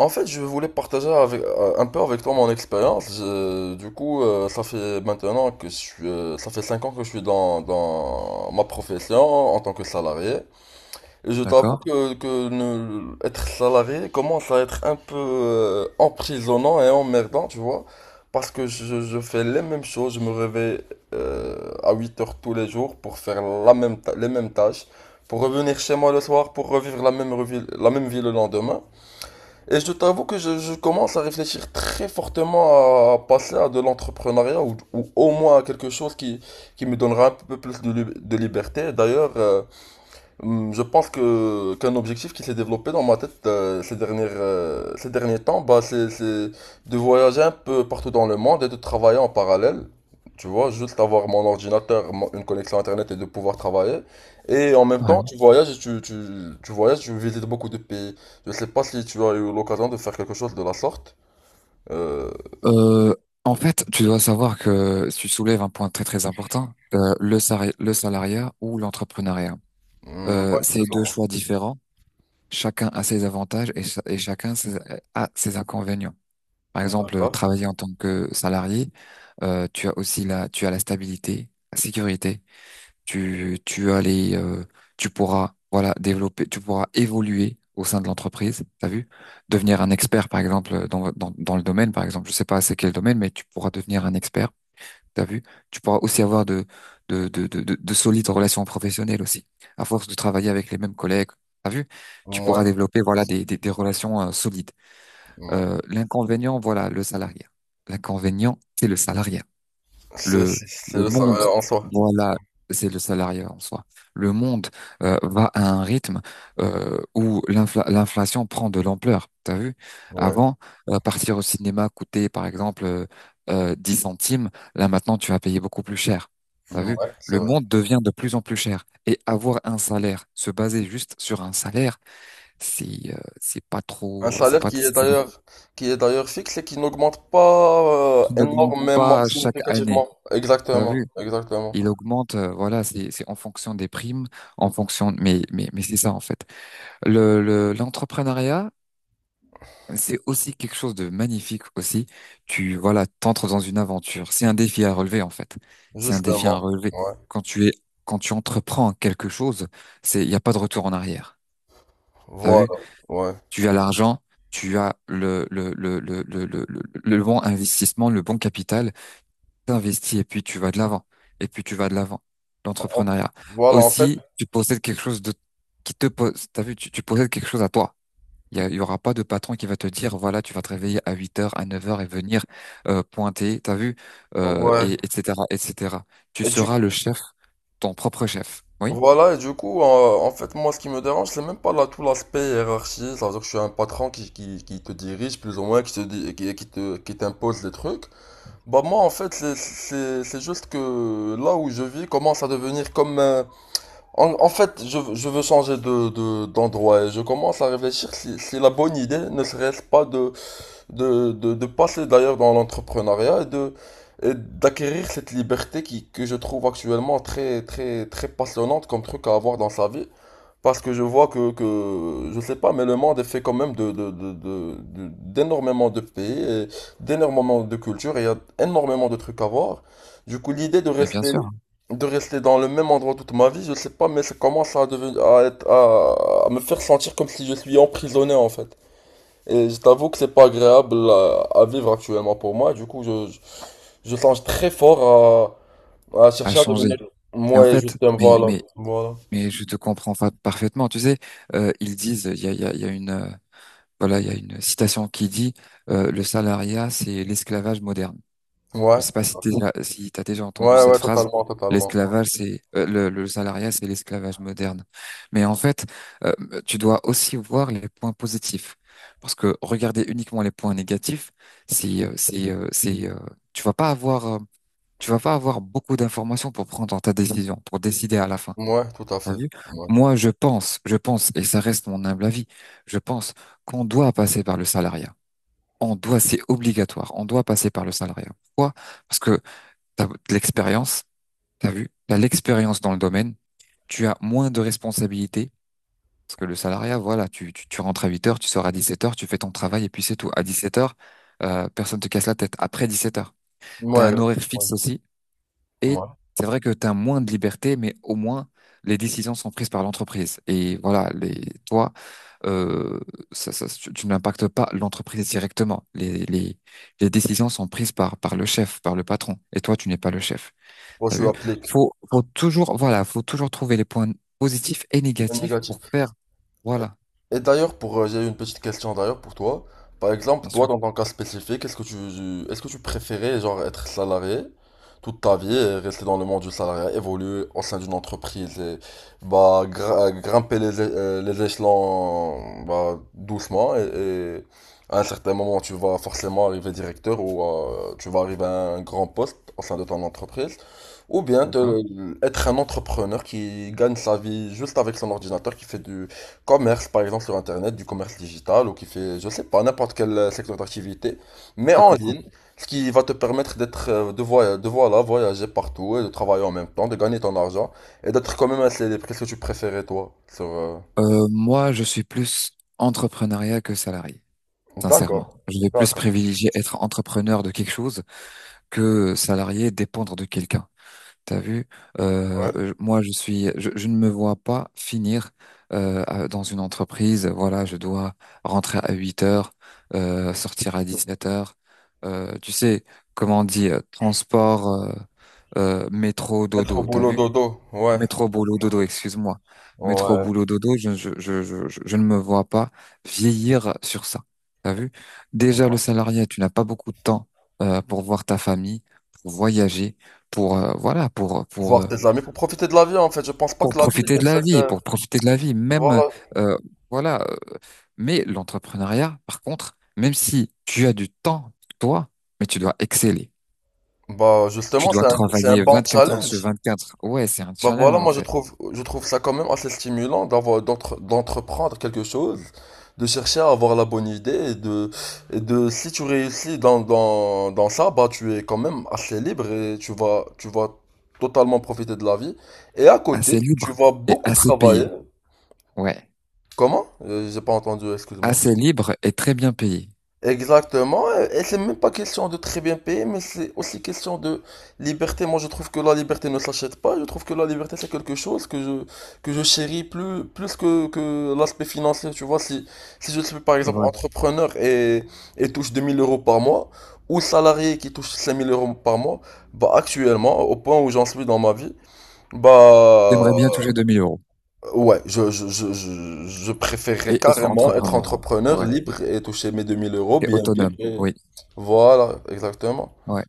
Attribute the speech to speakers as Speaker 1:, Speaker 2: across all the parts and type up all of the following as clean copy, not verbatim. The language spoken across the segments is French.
Speaker 1: En fait, je voulais partager avec, un peu avec toi mon expérience. Du coup, ça fait 5 ans que je suis dans ma profession en tant que salarié. Et je t'avoue
Speaker 2: D'accord.
Speaker 1: que ne- être salarié commence à être un peu emprisonnant et emmerdant, tu vois. Parce que je fais les mêmes choses. Je me réveille à 8 heures tous les jours pour faire les mêmes tâches. Pour revenir chez moi le soir, pour revivre la même vie le lendemain. Et je t'avoue que je commence à réfléchir très fortement à passer à de l'entrepreneuriat ou au moins à quelque chose qui me donnera un peu plus de liberté. D'ailleurs, je pense que qu'un objectif qui s'est développé dans ma tête ces derniers temps, bah, c'est de voyager un peu partout dans le monde et de travailler en parallèle. Tu vois, juste avoir mon ordinateur, une connexion Internet et de pouvoir travailler. Et en même temps,
Speaker 2: Ouais.
Speaker 1: tu voyages et tu voyages, tu visites beaucoup de pays. Je sais pas si tu as eu l'occasion de faire quelque chose de la sorte. Euh,
Speaker 2: Euh, En fait, tu dois savoir que tu soulèves un point très très important, le salariat ou l'entrepreneuriat. Euh,
Speaker 1: ouais,
Speaker 2: c'est
Speaker 1: plus ou
Speaker 2: deux
Speaker 1: moins.
Speaker 2: choix différents. Chacun a ses avantages et, et chacun a ses inconvénients. Par exemple,
Speaker 1: D'accord.
Speaker 2: travailler en tant que salarié, tu as aussi tu as la stabilité, la sécurité, tu, tu as les, euh, tu pourras, voilà, développer, tu pourras évoluer au sein de l'entreprise, t'as vu? Devenir un expert, par exemple, dans le domaine, par exemple, je sais pas c'est quel domaine, mais tu pourras devenir un expert, t'as vu? Tu pourras aussi avoir de solides relations professionnelles aussi, à force de travailler avec les mêmes collègues. T'as vu? Tu
Speaker 1: Ouais.
Speaker 2: pourras développer, voilà, des relations solides.
Speaker 1: Ouais.
Speaker 2: L'inconvénient, voilà, le salariat. L'inconvénient, c'est le salariat
Speaker 1: C'est
Speaker 2: le
Speaker 1: c'est- c'est
Speaker 2: le
Speaker 1: le
Speaker 2: monde,
Speaker 1: Sahara en soi.
Speaker 2: voilà, c'est le salariat en soi. Le monde va à un rythme où l'inflation prend de l'ampleur. T'as vu?
Speaker 1: Ouais.
Speaker 2: Avant, partir au cinéma coûtait par exemple 10 centimes. Là maintenant, tu vas payer beaucoup plus cher. T'as vu?
Speaker 1: Ouais, c'est
Speaker 2: Le
Speaker 1: vrai.
Speaker 2: monde devient de plus en plus cher. Et avoir un salaire, se baser juste sur un salaire, c'est pas
Speaker 1: Un
Speaker 2: trop, c'est
Speaker 1: salaire
Speaker 2: pas,
Speaker 1: qui est d'ailleurs fixe et qui n'augmente pas
Speaker 2: qui n'augmente
Speaker 1: énormément,
Speaker 2: pas chaque année.
Speaker 1: significativement.
Speaker 2: T'as
Speaker 1: Exactement,
Speaker 2: vu?
Speaker 1: exactement.
Speaker 2: Il augmente, voilà, c'est en fonction des primes, en fonction, mais c'est ça en fait. Le l'entrepreneuriat, c'est aussi quelque chose de magnifique aussi. Tu, voilà, t'entres dans une aventure. C'est un défi à relever en fait. C'est un défi à
Speaker 1: Justement.
Speaker 2: relever.
Speaker 1: Ouais.
Speaker 2: Quand tu es Quand tu entreprends quelque chose, c'est il y a pas de retour en arrière. T'as
Speaker 1: Voilà.
Speaker 2: vu?
Speaker 1: Ouais.
Speaker 2: Tu as l'argent, tu as le bon investissement, le bon capital. T'investis et puis tu vas de l'avant. Et puis tu vas de l'avant.
Speaker 1: En-
Speaker 2: L'entrepreneuriat.
Speaker 1: Voilà, en fait.
Speaker 2: Aussi, tu possèdes quelque chose de qui te pose. T'as vu, tu possèdes quelque chose à toi. Il y aura pas de patron qui va te dire, voilà, tu vas te réveiller à 8 heures, à 9 heures et venir pointer, t'as vu,
Speaker 1: Ouais.
Speaker 2: et, etc., etc. Tu
Speaker 1: Et du
Speaker 2: seras le chef, ton propre chef. Oui,
Speaker 1: voilà, et du coup, en fait, moi, ce qui me dérange, c'est même pas là tout l'aspect hiérarchie. C'est-à-dire que je suis un patron qui te dirige plus ou moins, qui te dit, qui t'impose des trucs. Bah moi, en fait, c'est juste que là où je vis commence à devenir comme. En fait, je veux changer d'endroit et je commence à réfléchir si la bonne idée ne serait-ce pas de passer d'ailleurs dans l'entrepreneuriat et d'acquérir cette liberté que je trouve actuellement très, très, très passionnante comme truc à avoir dans sa vie. Parce que je vois je sais pas, mais le monde est fait quand même d'énormément de pays et d'énormément de cultures et il y a énormément de trucs à voir. Du coup, l'idée
Speaker 2: mais bien sûr, hein,
Speaker 1: de rester dans le même endroit toute ma vie, je sais pas, mais ça commence à devenir, à me faire sentir comme si je suis emprisonné en fait. Et je t'avoue que c'est pas agréable à vivre actuellement pour moi. Du coup, je songe très fort à
Speaker 2: à
Speaker 1: chercher à
Speaker 2: changer.
Speaker 1: devenir
Speaker 2: Mais en
Speaker 1: moi
Speaker 2: fait,
Speaker 1: Justin. Voilà, voilà.
Speaker 2: je te comprends parfaitement. Tu sais, ils disent, il y a, il y a, il y a une, voilà, il y a une citation qui dit le salariat, c'est l'esclavage moderne. Je ne
Speaker 1: Ouais,
Speaker 2: sais pas
Speaker 1: tout à fait.
Speaker 2: si t'as déjà entendu
Speaker 1: Ouais,
Speaker 2: cette
Speaker 1: ouais,
Speaker 2: phrase.
Speaker 1: totalement, totalement.
Speaker 2: L'esclavage, le salariat, c'est l'esclavage moderne. Mais en fait, euh, tu dois aussi voir les points positifs, parce que regarder uniquement les points négatifs, c'est tu vas pas avoir euh, tu vas pas avoir beaucoup d'informations pour prendre ta décision, pour décider à la fin.
Speaker 1: Ouais, ouais, tout à
Speaker 2: T'as
Speaker 1: fait.
Speaker 2: vu?
Speaker 1: Ouais,
Speaker 2: Moi, je pense, et ça reste mon humble avis, je pense qu'on doit passer par le salariat. On doit, c'est obligatoire. On doit passer par le salariat. Pourquoi? Parce que t'as de l'expérience, t'as vu, t'as l'expérience dans le domaine, tu as moins de responsabilités. Parce que le salariat, voilà, tu rentres à 8 heures, tu sors à 17 heures, tu fais ton travail et puis c'est tout. À 17 heures, personne te casse la tête. Après 17 heures, t'as
Speaker 1: ouais,
Speaker 2: un
Speaker 1: ouais.
Speaker 2: horaire fixe aussi et
Speaker 1: Ouais.
Speaker 2: c'est vrai que t'as moins de liberté, mais au moins les décisions sont prises par l'entreprise. Et voilà, toi, euh, tu n'impactes pas l'entreprise directement. Les décisions sont prises par le chef, par le patron. Et toi, tu n'es pas le chef.
Speaker 1: Moi,
Speaker 2: T'as
Speaker 1: je
Speaker 2: vu?
Speaker 1: l'applique.
Speaker 2: Faut toujours, voilà, faut toujours trouver les points positifs et
Speaker 1: C'est
Speaker 2: négatifs
Speaker 1: négatif.
Speaker 2: pour faire. Voilà,
Speaker 1: Et d'ailleurs, j'ai une petite question d'ailleurs pour toi. Par exemple,
Speaker 2: bien
Speaker 1: toi,
Speaker 2: sûr.
Speaker 1: dans ton cas spécifique, est-ce que tu préférais genre être salarié toute ta vie et rester dans le monde du salariat, évoluer au sein d'une entreprise et bah grimper les échelons bah, doucement et à un certain moment, tu vas forcément arriver directeur ou tu vas arriver à un grand poste au sein de ton entreprise. Ou bien
Speaker 2: D'accord?
Speaker 1: être un entrepreneur qui gagne sa vie juste avec son ordinateur, qui fait du commerce, par exemple, sur Internet, du commerce digital, ou qui fait, je sais pas, n'importe quel secteur d'activité, mais
Speaker 2: Je te
Speaker 1: en
Speaker 2: comprends.
Speaker 1: ligne, ce qui va te permettre d'être, de voya- de voilà, voyager partout et de travailler en même temps, de gagner ton argent et d'être quand même un célèbre. Qu'est-ce que tu préférais, toi, sur,
Speaker 2: Moi, je suis plus entrepreneuriat que salarié.
Speaker 1: D'accord,
Speaker 2: Sincèrement, je vais plus
Speaker 1: d'accord,
Speaker 2: privilégier être entrepreneur de quelque chose que salarié dépendre de quelqu'un. T'as vu,
Speaker 1: ouais.
Speaker 2: moi je ne me vois pas finir dans une entreprise. Voilà, je dois rentrer à 8 heures, sortir à 17 heures. Tu sais, comment on dit, transport, métro,
Speaker 1: Être au
Speaker 2: dodo. T'as
Speaker 1: boulot
Speaker 2: vu?
Speaker 1: dodo, ouais. Être
Speaker 2: Métro
Speaker 1: au
Speaker 2: boulot
Speaker 1: boulot
Speaker 2: dodo,
Speaker 1: dodo.
Speaker 2: excuse-moi. Métro
Speaker 1: Ouais,
Speaker 2: boulot dodo, je ne me vois pas vieillir sur ça. T'as vu? Déjà, le salarié, tu n'as pas beaucoup de temps pour voir ta famille, pour voyager, pour euh, voilà, pour pour
Speaker 1: voir
Speaker 2: euh,
Speaker 1: tes amis pour profiter de la vie en fait. Je pense pas
Speaker 2: pour
Speaker 1: que la vie
Speaker 2: profiter de
Speaker 1: est
Speaker 2: la
Speaker 1: faite,
Speaker 2: vie, pour profiter de la vie. Même
Speaker 1: voilà.
Speaker 2: euh, voilà. Mais l'entrepreneuriat, par contre, même si tu as du temps pour toi, mais tu dois exceller.
Speaker 1: Bah
Speaker 2: Tu
Speaker 1: justement
Speaker 2: dois
Speaker 1: c'est un
Speaker 2: travailler
Speaker 1: bon
Speaker 2: 24 heures sur
Speaker 1: challenge.
Speaker 2: 24. Ouais, c'est un
Speaker 1: Bah voilà,
Speaker 2: challenge en
Speaker 1: moi
Speaker 2: fait.
Speaker 1: je trouve ça quand même assez stimulant d'entreprendre quelque chose, de chercher à avoir la bonne idée et de si tu réussis dans ça, bah tu es quand même assez libre et tu vas totalement profiter de la vie. Et à côté,
Speaker 2: Assez
Speaker 1: tu
Speaker 2: libre
Speaker 1: vas
Speaker 2: et
Speaker 1: beaucoup
Speaker 2: assez
Speaker 1: travailler.
Speaker 2: payé. Ouais.
Speaker 1: Comment? J'ai pas entendu, excuse-moi.
Speaker 2: Assez libre et très bien payé.
Speaker 1: Exactement, et c'est même pas question de très bien payer, mais c'est aussi question de liberté. Moi, je trouve que la liberté ne s'achète pas. Je trouve que la liberté, c'est quelque chose que je chéris plus, plus que l'aspect financier. Tu vois, si je suis par
Speaker 2: C'est
Speaker 1: exemple
Speaker 2: vrai.
Speaker 1: entrepreneur et touche 2000 € par mois, ou salarié qui touche 5000 € par mois, bah, actuellement, au point où j'en suis dans ma vie, bah,
Speaker 2: J'aimerais bien toucher 2000 €
Speaker 1: ouais, je préférerais
Speaker 2: et être
Speaker 1: carrément être
Speaker 2: entrepreneur.
Speaker 1: entrepreneur
Speaker 2: Ouais.
Speaker 1: libre et toucher mes 2000 euros,
Speaker 2: Et
Speaker 1: bien vivre.
Speaker 2: autonome. Oui.
Speaker 1: Voilà, exactement.
Speaker 2: Ouais.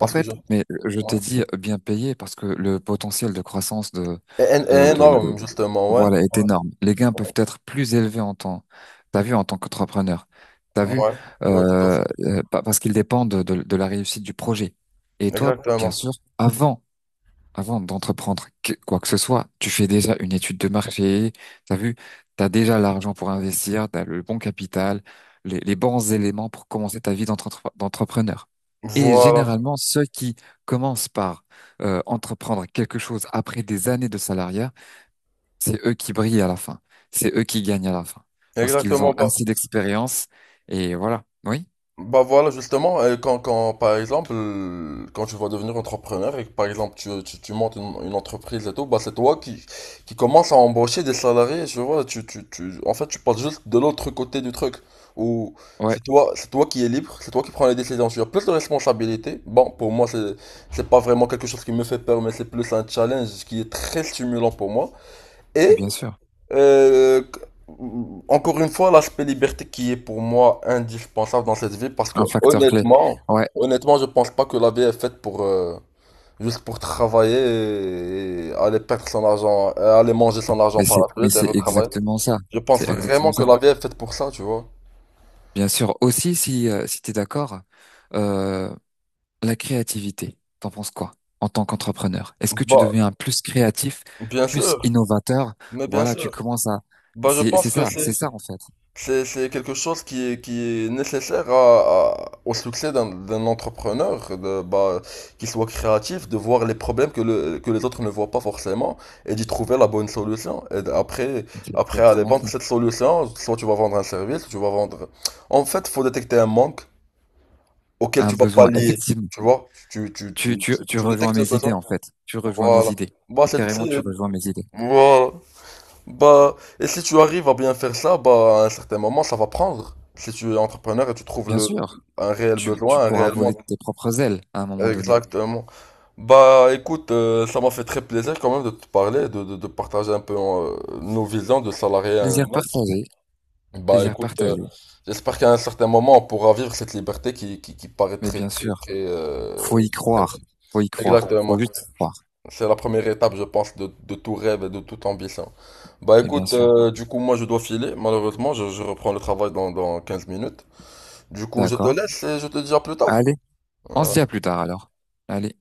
Speaker 2: En
Speaker 1: que je.
Speaker 2: fait, mais je t'ai
Speaker 1: Ouais.
Speaker 2: dit bien payé parce que le potentiel de croissance
Speaker 1: Et
Speaker 2: de, de, de-
Speaker 1: énorme, justement, ouais.
Speaker 2: voilà, est énorme. Les gains peuvent être plus élevés en temps. T'as vu, en tant qu'entrepreneur. T'as vu,
Speaker 1: Ouais, ouais, tout à fait.
Speaker 2: parce qu'ils dépendent de la réussite du projet. Et toi, bien
Speaker 1: Exactement.
Speaker 2: sûr, avant Avant d'entreprendre quoi que ce soit, tu fais déjà une étude de marché, t'as vu, t'as déjà l'argent pour investir, t'as le bon capital, les bons éléments pour commencer ta vie d'entrepreneur. Et
Speaker 1: Voilà.
Speaker 2: généralement, ceux qui commencent par entreprendre quelque chose après des années de salariat, c'est eux qui brillent à la fin, c'est eux qui gagnent à la fin, parce qu'ils ont
Speaker 1: Exactement pas.
Speaker 2: assez d'expérience et voilà. Oui,
Speaker 1: Bah voilà, justement, par exemple, quand tu vas devenir entrepreneur et que, par exemple, tu montes une entreprise et tout, bah c'est toi qui commence à embaucher des salariés, tu vois, en fait, tu passes juste de l'autre côté du truc, où
Speaker 2: ouais,
Speaker 1: c'est toi qui es libre, c'est toi qui prends les décisions, tu as plus de responsabilités. Bon, pour moi, c'est pas vraiment quelque chose qui me fait peur, mais c'est plus un challenge qui est très stimulant pour moi. Et,
Speaker 2: bien sûr,
Speaker 1: euh, encore une fois, l'aspect liberté qui est pour moi indispensable dans cette vie parce que
Speaker 2: un facteur clé.
Speaker 1: honnêtement,
Speaker 2: Ouais,
Speaker 1: honnêtement, je pense pas que la vie est faite pour juste pour travailler et aller perdre son argent, et aller manger son argent par la
Speaker 2: mais
Speaker 1: fenêtre et
Speaker 2: c'est
Speaker 1: retravailler.
Speaker 2: exactement ça,
Speaker 1: Je pense
Speaker 2: c'est exactement
Speaker 1: vraiment
Speaker 2: ça.
Speaker 1: que la vie est faite pour ça, tu vois.
Speaker 2: Bien sûr. Aussi, si tu es d'accord, euh, la créativité, t'en penses quoi en tant qu'entrepreneur? Est-ce que tu
Speaker 1: Bah,
Speaker 2: deviens plus créatif,
Speaker 1: bien
Speaker 2: plus
Speaker 1: sûr,
Speaker 2: innovateur?
Speaker 1: mais bien
Speaker 2: Voilà, tu
Speaker 1: sûr.
Speaker 2: commences à...
Speaker 1: Bah, je pense
Speaker 2: C'est ça en fait.
Speaker 1: C'est quelque chose qui est nécessaire au succès d'un entrepreneur, de, bah, qu'il soit créatif, de voir les problèmes que les autres ne voient pas forcément et d'y trouver la bonne solution. Et d- après,
Speaker 2: C'est
Speaker 1: après aller
Speaker 2: exactement
Speaker 1: vendre
Speaker 2: ça.
Speaker 1: cette solution, soit tu vas vendre un service, tu vas vendre. En fait, faut détecter un manque auquel
Speaker 2: Un
Speaker 1: tu vas
Speaker 2: besoin.
Speaker 1: pallier,
Speaker 2: Effectivement,
Speaker 1: tu vois?
Speaker 2: tu
Speaker 1: Tu
Speaker 2: rejoins
Speaker 1: détectes le
Speaker 2: mes idées
Speaker 1: besoin.
Speaker 2: en fait. Tu rejoins mes
Speaker 1: Voilà.
Speaker 2: idées.
Speaker 1: Bah,
Speaker 2: Et carrément, tu rejoins mes idées.
Speaker 1: voilà. Bah, et si tu arrives à bien faire ça, bah, à un certain moment, ça va prendre. Si tu es entrepreneur et tu trouves
Speaker 2: Bien sûr,
Speaker 1: un réel
Speaker 2: tu
Speaker 1: besoin, un
Speaker 2: pourras
Speaker 1: réel
Speaker 2: voler
Speaker 1: manque.
Speaker 2: de tes propres ailes à un moment donné.
Speaker 1: Exactement. Bah, écoute, ça m'a fait très plaisir quand même de te parler, de partager un peu nos visions de salarié à un
Speaker 2: Plaisir
Speaker 1: autre.
Speaker 2: partagé,
Speaker 1: Bah,
Speaker 2: plaisir
Speaker 1: écoute,
Speaker 2: partagé.
Speaker 1: j'espère qu'à un certain moment, on pourra vivre cette liberté qui paraît
Speaker 2: Mais
Speaker 1: très,
Speaker 2: bien
Speaker 1: très,
Speaker 2: sûr, faut y
Speaker 1: très
Speaker 2: croire.
Speaker 1: belle.
Speaker 2: Faut y croire. Faut
Speaker 1: Exactement.
Speaker 2: juste y croire.
Speaker 1: C'est la première étape, je pense, de tout rêve et de toute ambition. Bah
Speaker 2: Mais bien
Speaker 1: écoute,
Speaker 2: sûr.
Speaker 1: du coup, moi je dois filer. Malheureusement, je reprends le travail dans 15 minutes. Du coup, je te
Speaker 2: D'accord.
Speaker 1: laisse et je te dis à plus tard.
Speaker 2: Allez, on se dit à
Speaker 1: Euh,
Speaker 2: plus tard alors. Allez.